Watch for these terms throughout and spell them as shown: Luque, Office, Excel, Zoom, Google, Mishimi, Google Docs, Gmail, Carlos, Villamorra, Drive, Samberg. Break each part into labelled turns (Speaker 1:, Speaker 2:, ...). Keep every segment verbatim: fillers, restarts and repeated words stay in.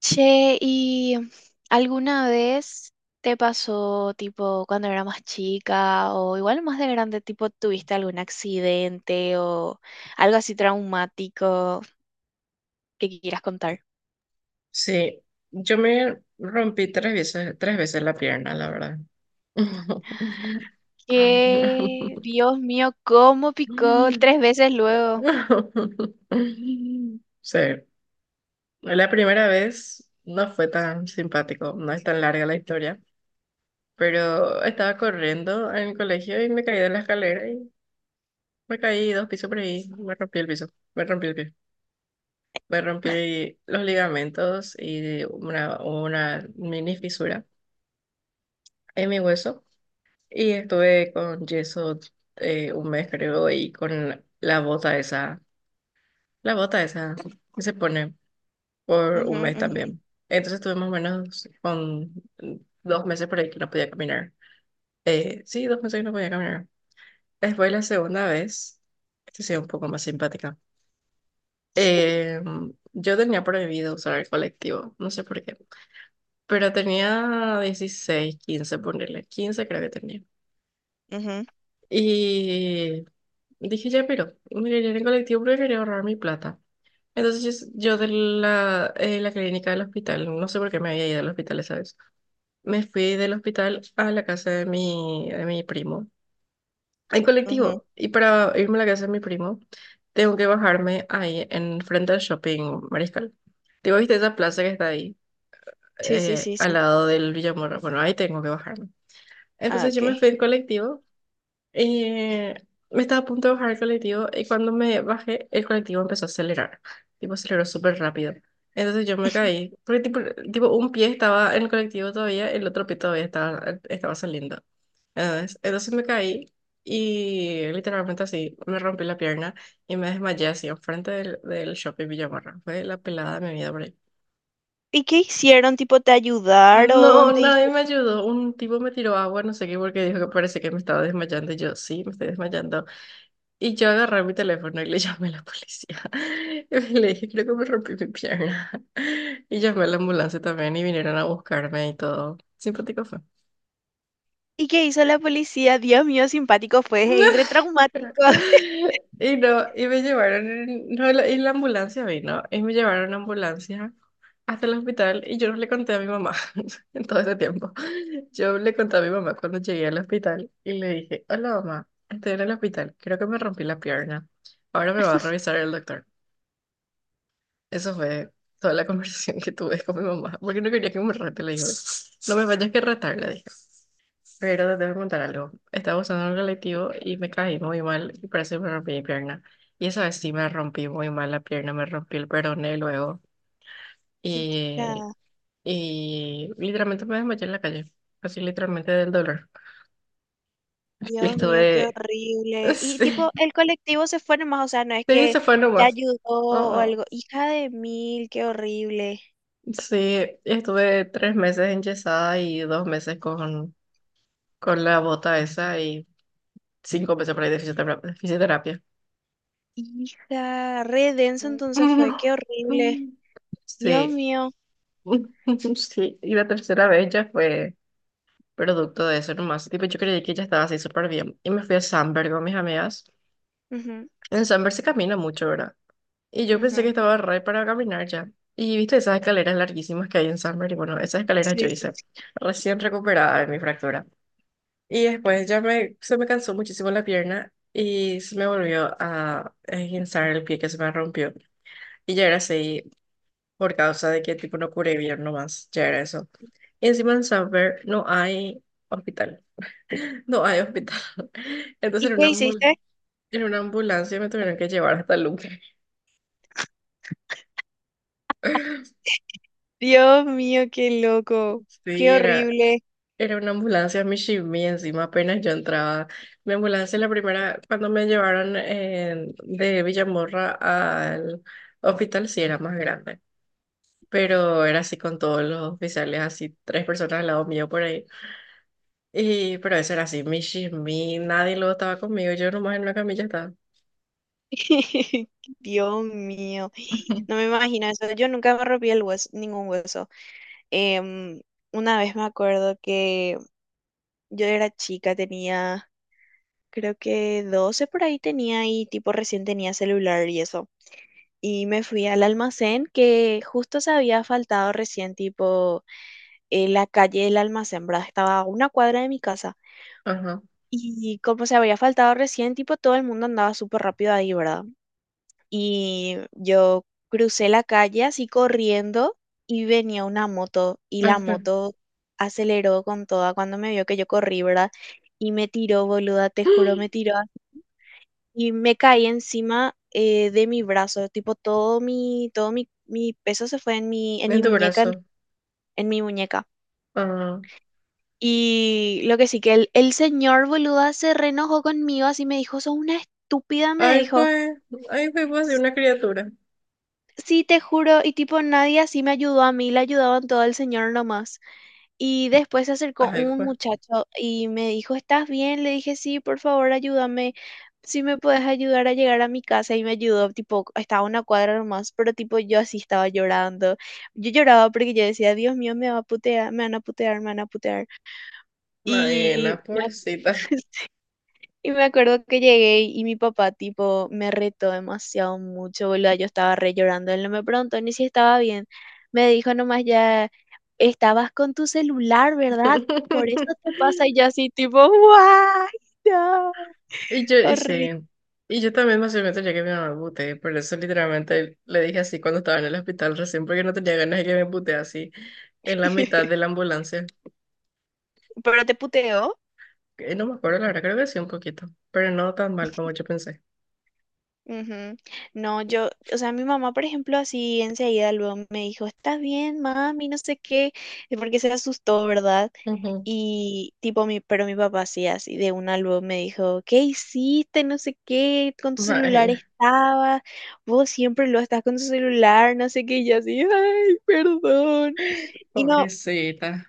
Speaker 1: Che, ¿y alguna vez te pasó, tipo, cuando era más chica o igual más de grande, tipo, tuviste algún accidente o algo así traumático que quieras contar?
Speaker 2: Sí, yo me rompí tres veces, tres veces la pierna, la verdad.
Speaker 1: Que, Dios mío, cómo picó tres veces luego.
Speaker 2: Sí, la primera vez no fue tan simpático, no es tan larga la historia, pero estaba corriendo en el colegio y me caí de la escalera y me caí dos pisos por ahí, me rompí el piso, me rompí el pie, me rompí los ligamentos y una, una mini fisura en mi hueso. Y estuve con yeso eh, un mes, creo, y con la bota esa, la bota esa que se pone por un mes
Speaker 1: Ujú,
Speaker 2: también. Entonces estuve más o menos con dos meses por ahí que no podía caminar. Eh, sí, dos meses que no podía caminar. Después la segunda vez, esta sí es un poco más simpática. Eh, yo tenía prohibido usar el colectivo, no sé por qué, pero tenía dieciséis quince ponerle quince creo que tenía.
Speaker 1: ujú,
Speaker 2: Y dije, ya, pero me iré en el colectivo porque quería ahorrar mi plata. Entonces yo de la, eh, la clínica del hospital, no sé por qué me había ido al hospital esa vez, me fui del hospital a la casa de mi, de mi primo, en
Speaker 1: ujú, ujú.
Speaker 2: colectivo. Y para irme a la casa de mi primo, tengo que bajarme ahí en frente al shopping Mariscal. Digo, ¿viste esa plaza que está ahí,
Speaker 1: Sí, sí,
Speaker 2: eh,
Speaker 1: sí,
Speaker 2: al
Speaker 1: sí.
Speaker 2: lado del Villamorra? Bueno, ahí tengo que bajarme.
Speaker 1: Ah,
Speaker 2: Entonces yo me
Speaker 1: ok.
Speaker 2: fui en colectivo. Eh, Me estaba a punto de bajar el colectivo y cuando me bajé, el colectivo empezó a acelerar. Tipo, aceleró súper rápido. Entonces yo me caí. Porque tipo, tipo, un pie estaba en el colectivo todavía, el otro pie todavía estaba, estaba saliendo. Entonces, entonces me caí y literalmente así me rompí la pierna y me desmayé así enfrente del, del shopping Villamarra. Fue la pelada de mi vida por ahí.
Speaker 1: ¿Y qué hicieron? Tipo, ¿te ayudaron?
Speaker 2: No,
Speaker 1: ¿Te
Speaker 2: nadie
Speaker 1: dijeron?
Speaker 2: me ayudó. Un tipo me tiró agua, no sé qué, porque dijo que parece que me estaba desmayando. Y yo, sí, me estoy desmayando. Y yo agarré mi teléfono y le llamé a la policía. Y le dije, creo que me rompí mi pierna. Y llamé a la ambulancia también y vinieron a buscarme y todo. Simpático fue.
Speaker 1: ¿Y qué hizo la policía? Dios mío, simpático fue, y retraumático.
Speaker 2: Y no, y me llevaron, en- no, la- y la ambulancia vino, y me llevaron en ambulancia hasta el hospital y yo no le conté a mi mamá en todo ese tiempo. Yo le conté a mi mamá cuando llegué al hospital y le dije, hola mamá, estoy en el hospital, creo que me rompí la pierna, ahora me va a revisar el doctor. Eso fue toda la conversación que tuve con mi mamá, porque no quería que me rete, le dije, no me vayas que retar, le dije, pero te tengo que contar algo. Estaba usando un colectivo y me caí muy mal y parece que me rompí mi pierna. Y esa vez sí me rompí muy mal la pierna, me rompí el peroné luego y, y literalmente me desmayé en la calle, así literalmente del dolor. Y
Speaker 1: Dios mío, qué
Speaker 2: estuve,
Speaker 1: horrible. Y
Speaker 2: sí,
Speaker 1: tipo, el colectivo se fue nomás, o sea, no es
Speaker 2: sí,
Speaker 1: que
Speaker 2: se fue
Speaker 1: te
Speaker 2: nomás.
Speaker 1: ayudó
Speaker 2: Oh,
Speaker 1: o
Speaker 2: oh.
Speaker 1: algo. Hija de mil, qué horrible.
Speaker 2: Sí, estuve tres meses enyesada y dos meses con con la bota esa y cinco meses por ahí de fisiotera- de fisioterapia.
Speaker 1: Hija, re denso entonces fue,
Speaker 2: No.
Speaker 1: qué horrible. Dios
Speaker 2: Sí,
Speaker 1: mío.
Speaker 2: sí, y la tercera vez ya fue producto de eso nomás. Tipo, yo creí que ya estaba así súper bien. Y me fui a Samberg con mis amigas.
Speaker 1: Ujú,
Speaker 2: En Samberg se camina mucho, ¿verdad? Y yo pensé que
Speaker 1: ujú.
Speaker 2: estaba re para caminar ya. Y viste esas escaleras larguísimas que hay en Samberg. Y bueno, esas escaleras yo
Speaker 1: Sí, sí,
Speaker 2: hice
Speaker 1: sí.
Speaker 2: recién recuperada de mi fractura. Y después ya me, se me cansó muchísimo la pierna y se me volvió a esguinzar el pie que se me rompió. Y ya era así por causa de que tipo no curé bien nomás, ya era eso. Y encima en Samberg no hay hospital, no hay hospital.
Speaker 1: ¿Y
Speaker 2: Entonces en
Speaker 1: qué
Speaker 2: una, ambul-
Speaker 1: hiciste?
Speaker 2: en una ambulancia me tuvieron que llevar hasta Luque.
Speaker 1: Dios mío, qué loco. Qué
Speaker 2: Sí, era,
Speaker 1: horrible.
Speaker 2: Era una ambulancia Mishimi, encima apenas yo entraba. Mi ambulancia, la primera, cuando me llevaron eh, de Villamorra al hospital, sí era más grande, pero era así con todos los oficiales, así tres personas al lado mío por ahí. Y, pero eso era así, Mishimi, nadie luego estaba conmigo, yo nomás en una camilla estaba.
Speaker 1: Dios mío. No me imagino eso. Yo nunca me rompí el hueso, ningún hueso. Em, una vez me acuerdo que yo era chica, tenía... creo que doce por ahí tenía y tipo recién tenía celular y eso. Y me fui al almacén que justo se había faltado recién, tipo, eh, la calle del almacén, ¿verdad? Estaba a una cuadra de mi casa.
Speaker 2: Ajá.
Speaker 1: Y como se había faltado recién, tipo, todo el mundo andaba súper rápido ahí, ¿verdad? Y yo crucé la calle así corriendo y venía una moto y
Speaker 2: Ay,
Speaker 1: la
Speaker 2: qué-
Speaker 1: moto aceleró con toda cuando me vio que yo corrí, ¿verdad? Y me tiró, boluda, te juro, me tiró y me caí encima eh, de mi brazo, tipo todo mi, todo mi, mi peso se fue en mi, en
Speaker 2: En
Speaker 1: mi
Speaker 2: tu
Speaker 1: muñeca, en,
Speaker 2: brazo.
Speaker 1: en mi muñeca.
Speaker 2: Ajá.
Speaker 1: Y lo que sí que el, el señor boluda se reenojó conmigo, así me dijo, sos una estúpida, me
Speaker 2: Ay,
Speaker 1: dijo,
Speaker 2: fue, ay, fue, fue así
Speaker 1: "S-
Speaker 2: una criatura.
Speaker 1: sí, te juro, y tipo nadie así me ayudó a mí, le ayudaban todo el señor nomás. Y después se acercó
Speaker 2: Ay,
Speaker 1: un
Speaker 2: fue.
Speaker 1: muchacho y me dijo, ¿estás bien? Le dije, sí, por favor, ayúdame. Si me puedes ayudar a llegar a mi casa y me ayudó, tipo, estaba a una cuadra nomás, pero tipo yo así estaba llorando. Yo lloraba porque yo decía, Dios mío, me va a putear, me van a putear, me van a putear. Y
Speaker 2: Maena,
Speaker 1: me ac-
Speaker 2: pobrecita.
Speaker 1: Y me acuerdo que llegué y mi papá, tipo, me retó demasiado mucho, boludo. Yo estaba re llorando. Él no me preguntó ni si estaba bien. Me dijo nomás ya, estabas con tu celular, ¿verdad? Por eso te pasa. Y yo así, tipo, ¡guay! No,
Speaker 2: Y yo, y
Speaker 1: horrible.
Speaker 2: sí, y yo también más o menos ya que mi mamá me puté, por eso literalmente le dije así cuando estaba en el hospital recién, porque no tenía ganas de que me putee así en la mitad de la ambulancia.
Speaker 1: Pero te puteó.
Speaker 2: Eh, no me acuerdo, la verdad, creo que sí un poquito, pero no tan mal como yo pensé.
Speaker 1: Ujú. No, yo, o sea, mi mamá, por ejemplo, así enseguida luego me dijo, ¿estás bien, mami? No sé qué, porque se asustó, ¿verdad?
Speaker 2: Ujú.
Speaker 1: Y tipo mi, pero mi papá sí, así de una luego me dijo, ¿qué hiciste? No sé qué, con tu celular
Speaker 2: Bueno,
Speaker 1: estabas, vos siempre lo estás con tu celular, no sé qué, y yo así, ay, perdón. Y no,
Speaker 2: pobrecita.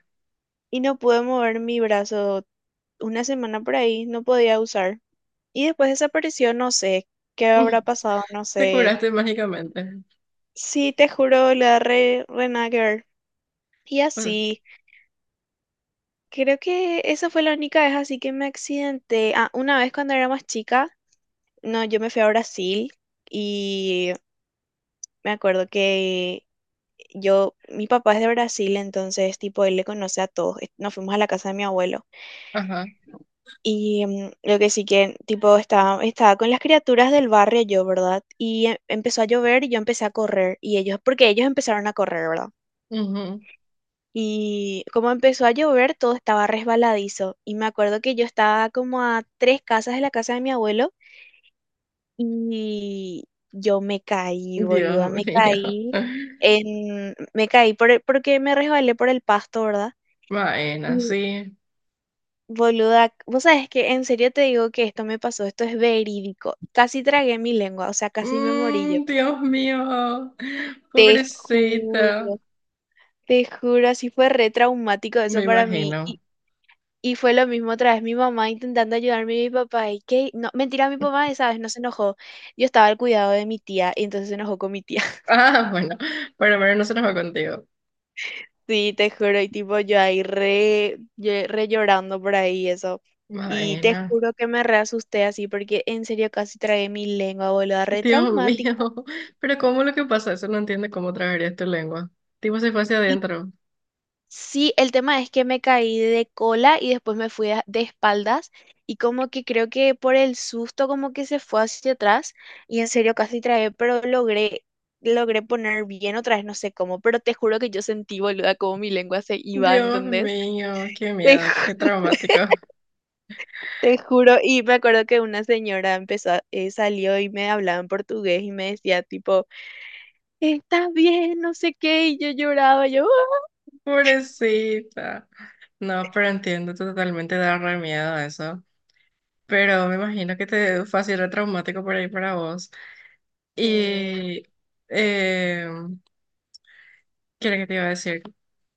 Speaker 1: y no pude mover mi brazo una semana por ahí, no podía usar. Y después desapareció, no sé qué habrá pasado, no
Speaker 2: Te
Speaker 1: sé.
Speaker 2: curaste mágicamente.
Speaker 1: Sí, te juro, la re, re nada que ver. Y
Speaker 2: Pues,
Speaker 1: así, creo que esa fue la única vez así que me accidenté. Ah, una vez cuando era más chica no, yo me fui a Brasil y me acuerdo que yo, mi papá es de Brasil, entonces, tipo, él le conoce a todos. Eh, Nos fuimos a la casa de mi abuelo.
Speaker 2: ajá.
Speaker 1: Y mm, lo que sí que, tipo, estaba, estaba con las criaturas del barrio yo, ¿verdad? Y em- empezó a llover y yo empecé a correr. Y ellos, porque ellos empezaron a correr, ¿verdad?
Speaker 2: Ujú.
Speaker 1: Y como empezó a llover, todo estaba resbaladizo. Y me acuerdo que yo estaba como a tres casas de la casa de mi abuelo y yo me caí, boluda,
Speaker 2: Dios
Speaker 1: me
Speaker 2: mío.
Speaker 1: caí en, me caí por el- porque me resbalé por el pasto, ¿verdad?
Speaker 2: Bueno,
Speaker 1: Y
Speaker 2: sí.
Speaker 1: boluda, vos sabés que en serio te digo que esto me pasó, esto es verídico. Casi tragué mi lengua, o sea, casi me morí yo.
Speaker 2: Mm, Dios mío,
Speaker 1: Te
Speaker 2: pobrecita,
Speaker 1: juro, te juro, así fue re traumático
Speaker 2: me
Speaker 1: eso para mí.
Speaker 2: imagino.
Speaker 1: Y, y fue lo mismo otra vez, mi mamá intentando ayudarme y mi papá. Y que, no, mentira, mi papá, esa vez no se enojó. Yo estaba al cuidado de mi tía y entonces se enojó con mi tía.
Speaker 2: Ah, bueno, pero bueno, no se nos va contigo.
Speaker 1: Sí, te juro, y tipo yo ahí re, lle- re llorando por ahí eso. Y te
Speaker 2: Maena,
Speaker 1: juro que me re asusté así porque en serio casi tragué mi lengua, boluda, re
Speaker 2: Dios mío,
Speaker 1: traumático.
Speaker 2: pero ¿cómo lo que pasa? Eso no entiende cómo tragarías tu lengua. Tipo se fue hacia
Speaker 1: Y
Speaker 2: adentro.
Speaker 1: sí, el tema es que me caí de cola y después me fui a- de espaldas y como que creo que por el susto como que se fue hacia atrás y en serio casi tragué, pero logré, logré poner bien otra vez, no sé cómo, pero te juro que yo sentí, boluda, como mi lengua se iba,
Speaker 2: Dios
Speaker 1: ¿entendés?
Speaker 2: mío, qué
Speaker 1: Te
Speaker 2: miedo, qué traumático.
Speaker 1: Te juro, y me acuerdo que una señora empezó, a- eh, salió y me hablaba en portugués y me decía tipo, ¿estás bien? No sé qué, y yo lloraba, yo, "Ah".
Speaker 2: Pobrecita. No, pero entiendo totalmente, da re miedo eso. Pero me imagino que te fue así re traumático por ahí para vos.
Speaker 1: Sí,
Speaker 2: Y em, ¿Qué era que te iba a decir?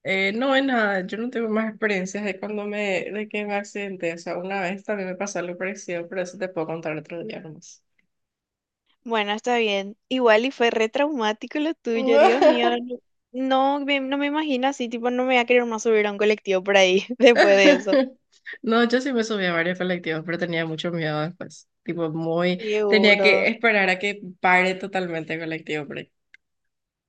Speaker 2: Eh, no, es nada, yo no tengo más experiencias de cuando me, de que me accidenté. O sea, una vez también me pasó algo parecido, pero eso te puedo contar otro día nomás.
Speaker 1: bueno, está bien. Igual y fue re traumático lo tuyo, Dios mío. No, no me, no me imagino así, tipo, no me voy a querer más subir a un colectivo por ahí después de eso.
Speaker 2: No, yo sí me subí a varios colectivos, pero tenía mucho miedo después. Tipo, muy, tenía
Speaker 1: Seguro.
Speaker 2: que esperar a que pare totalmente el colectivo por ahí.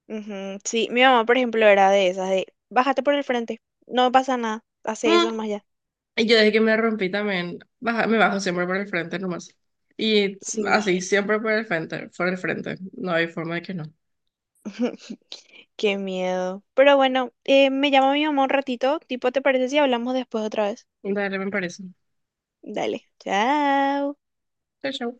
Speaker 1: Ujú, sí, mi mamá, por ejemplo, era de esas, de, bájate por el frente, no pasa nada, hace
Speaker 2: Mm,
Speaker 1: eso nomás ya.
Speaker 2: Y yo desde que me rompí también, baja- me bajo siempre por el frente nomás. Y así,
Speaker 1: Sí.
Speaker 2: siempre por el frente, por el frente. No hay forma de que no.
Speaker 1: Qué miedo. Pero bueno, eh, me llama mi mamá un ratito. Tipo, ¿te parece si hablamos después otra vez?
Speaker 2: Dale, me parece.
Speaker 1: Dale. Chao.
Speaker 2: Chao, chao.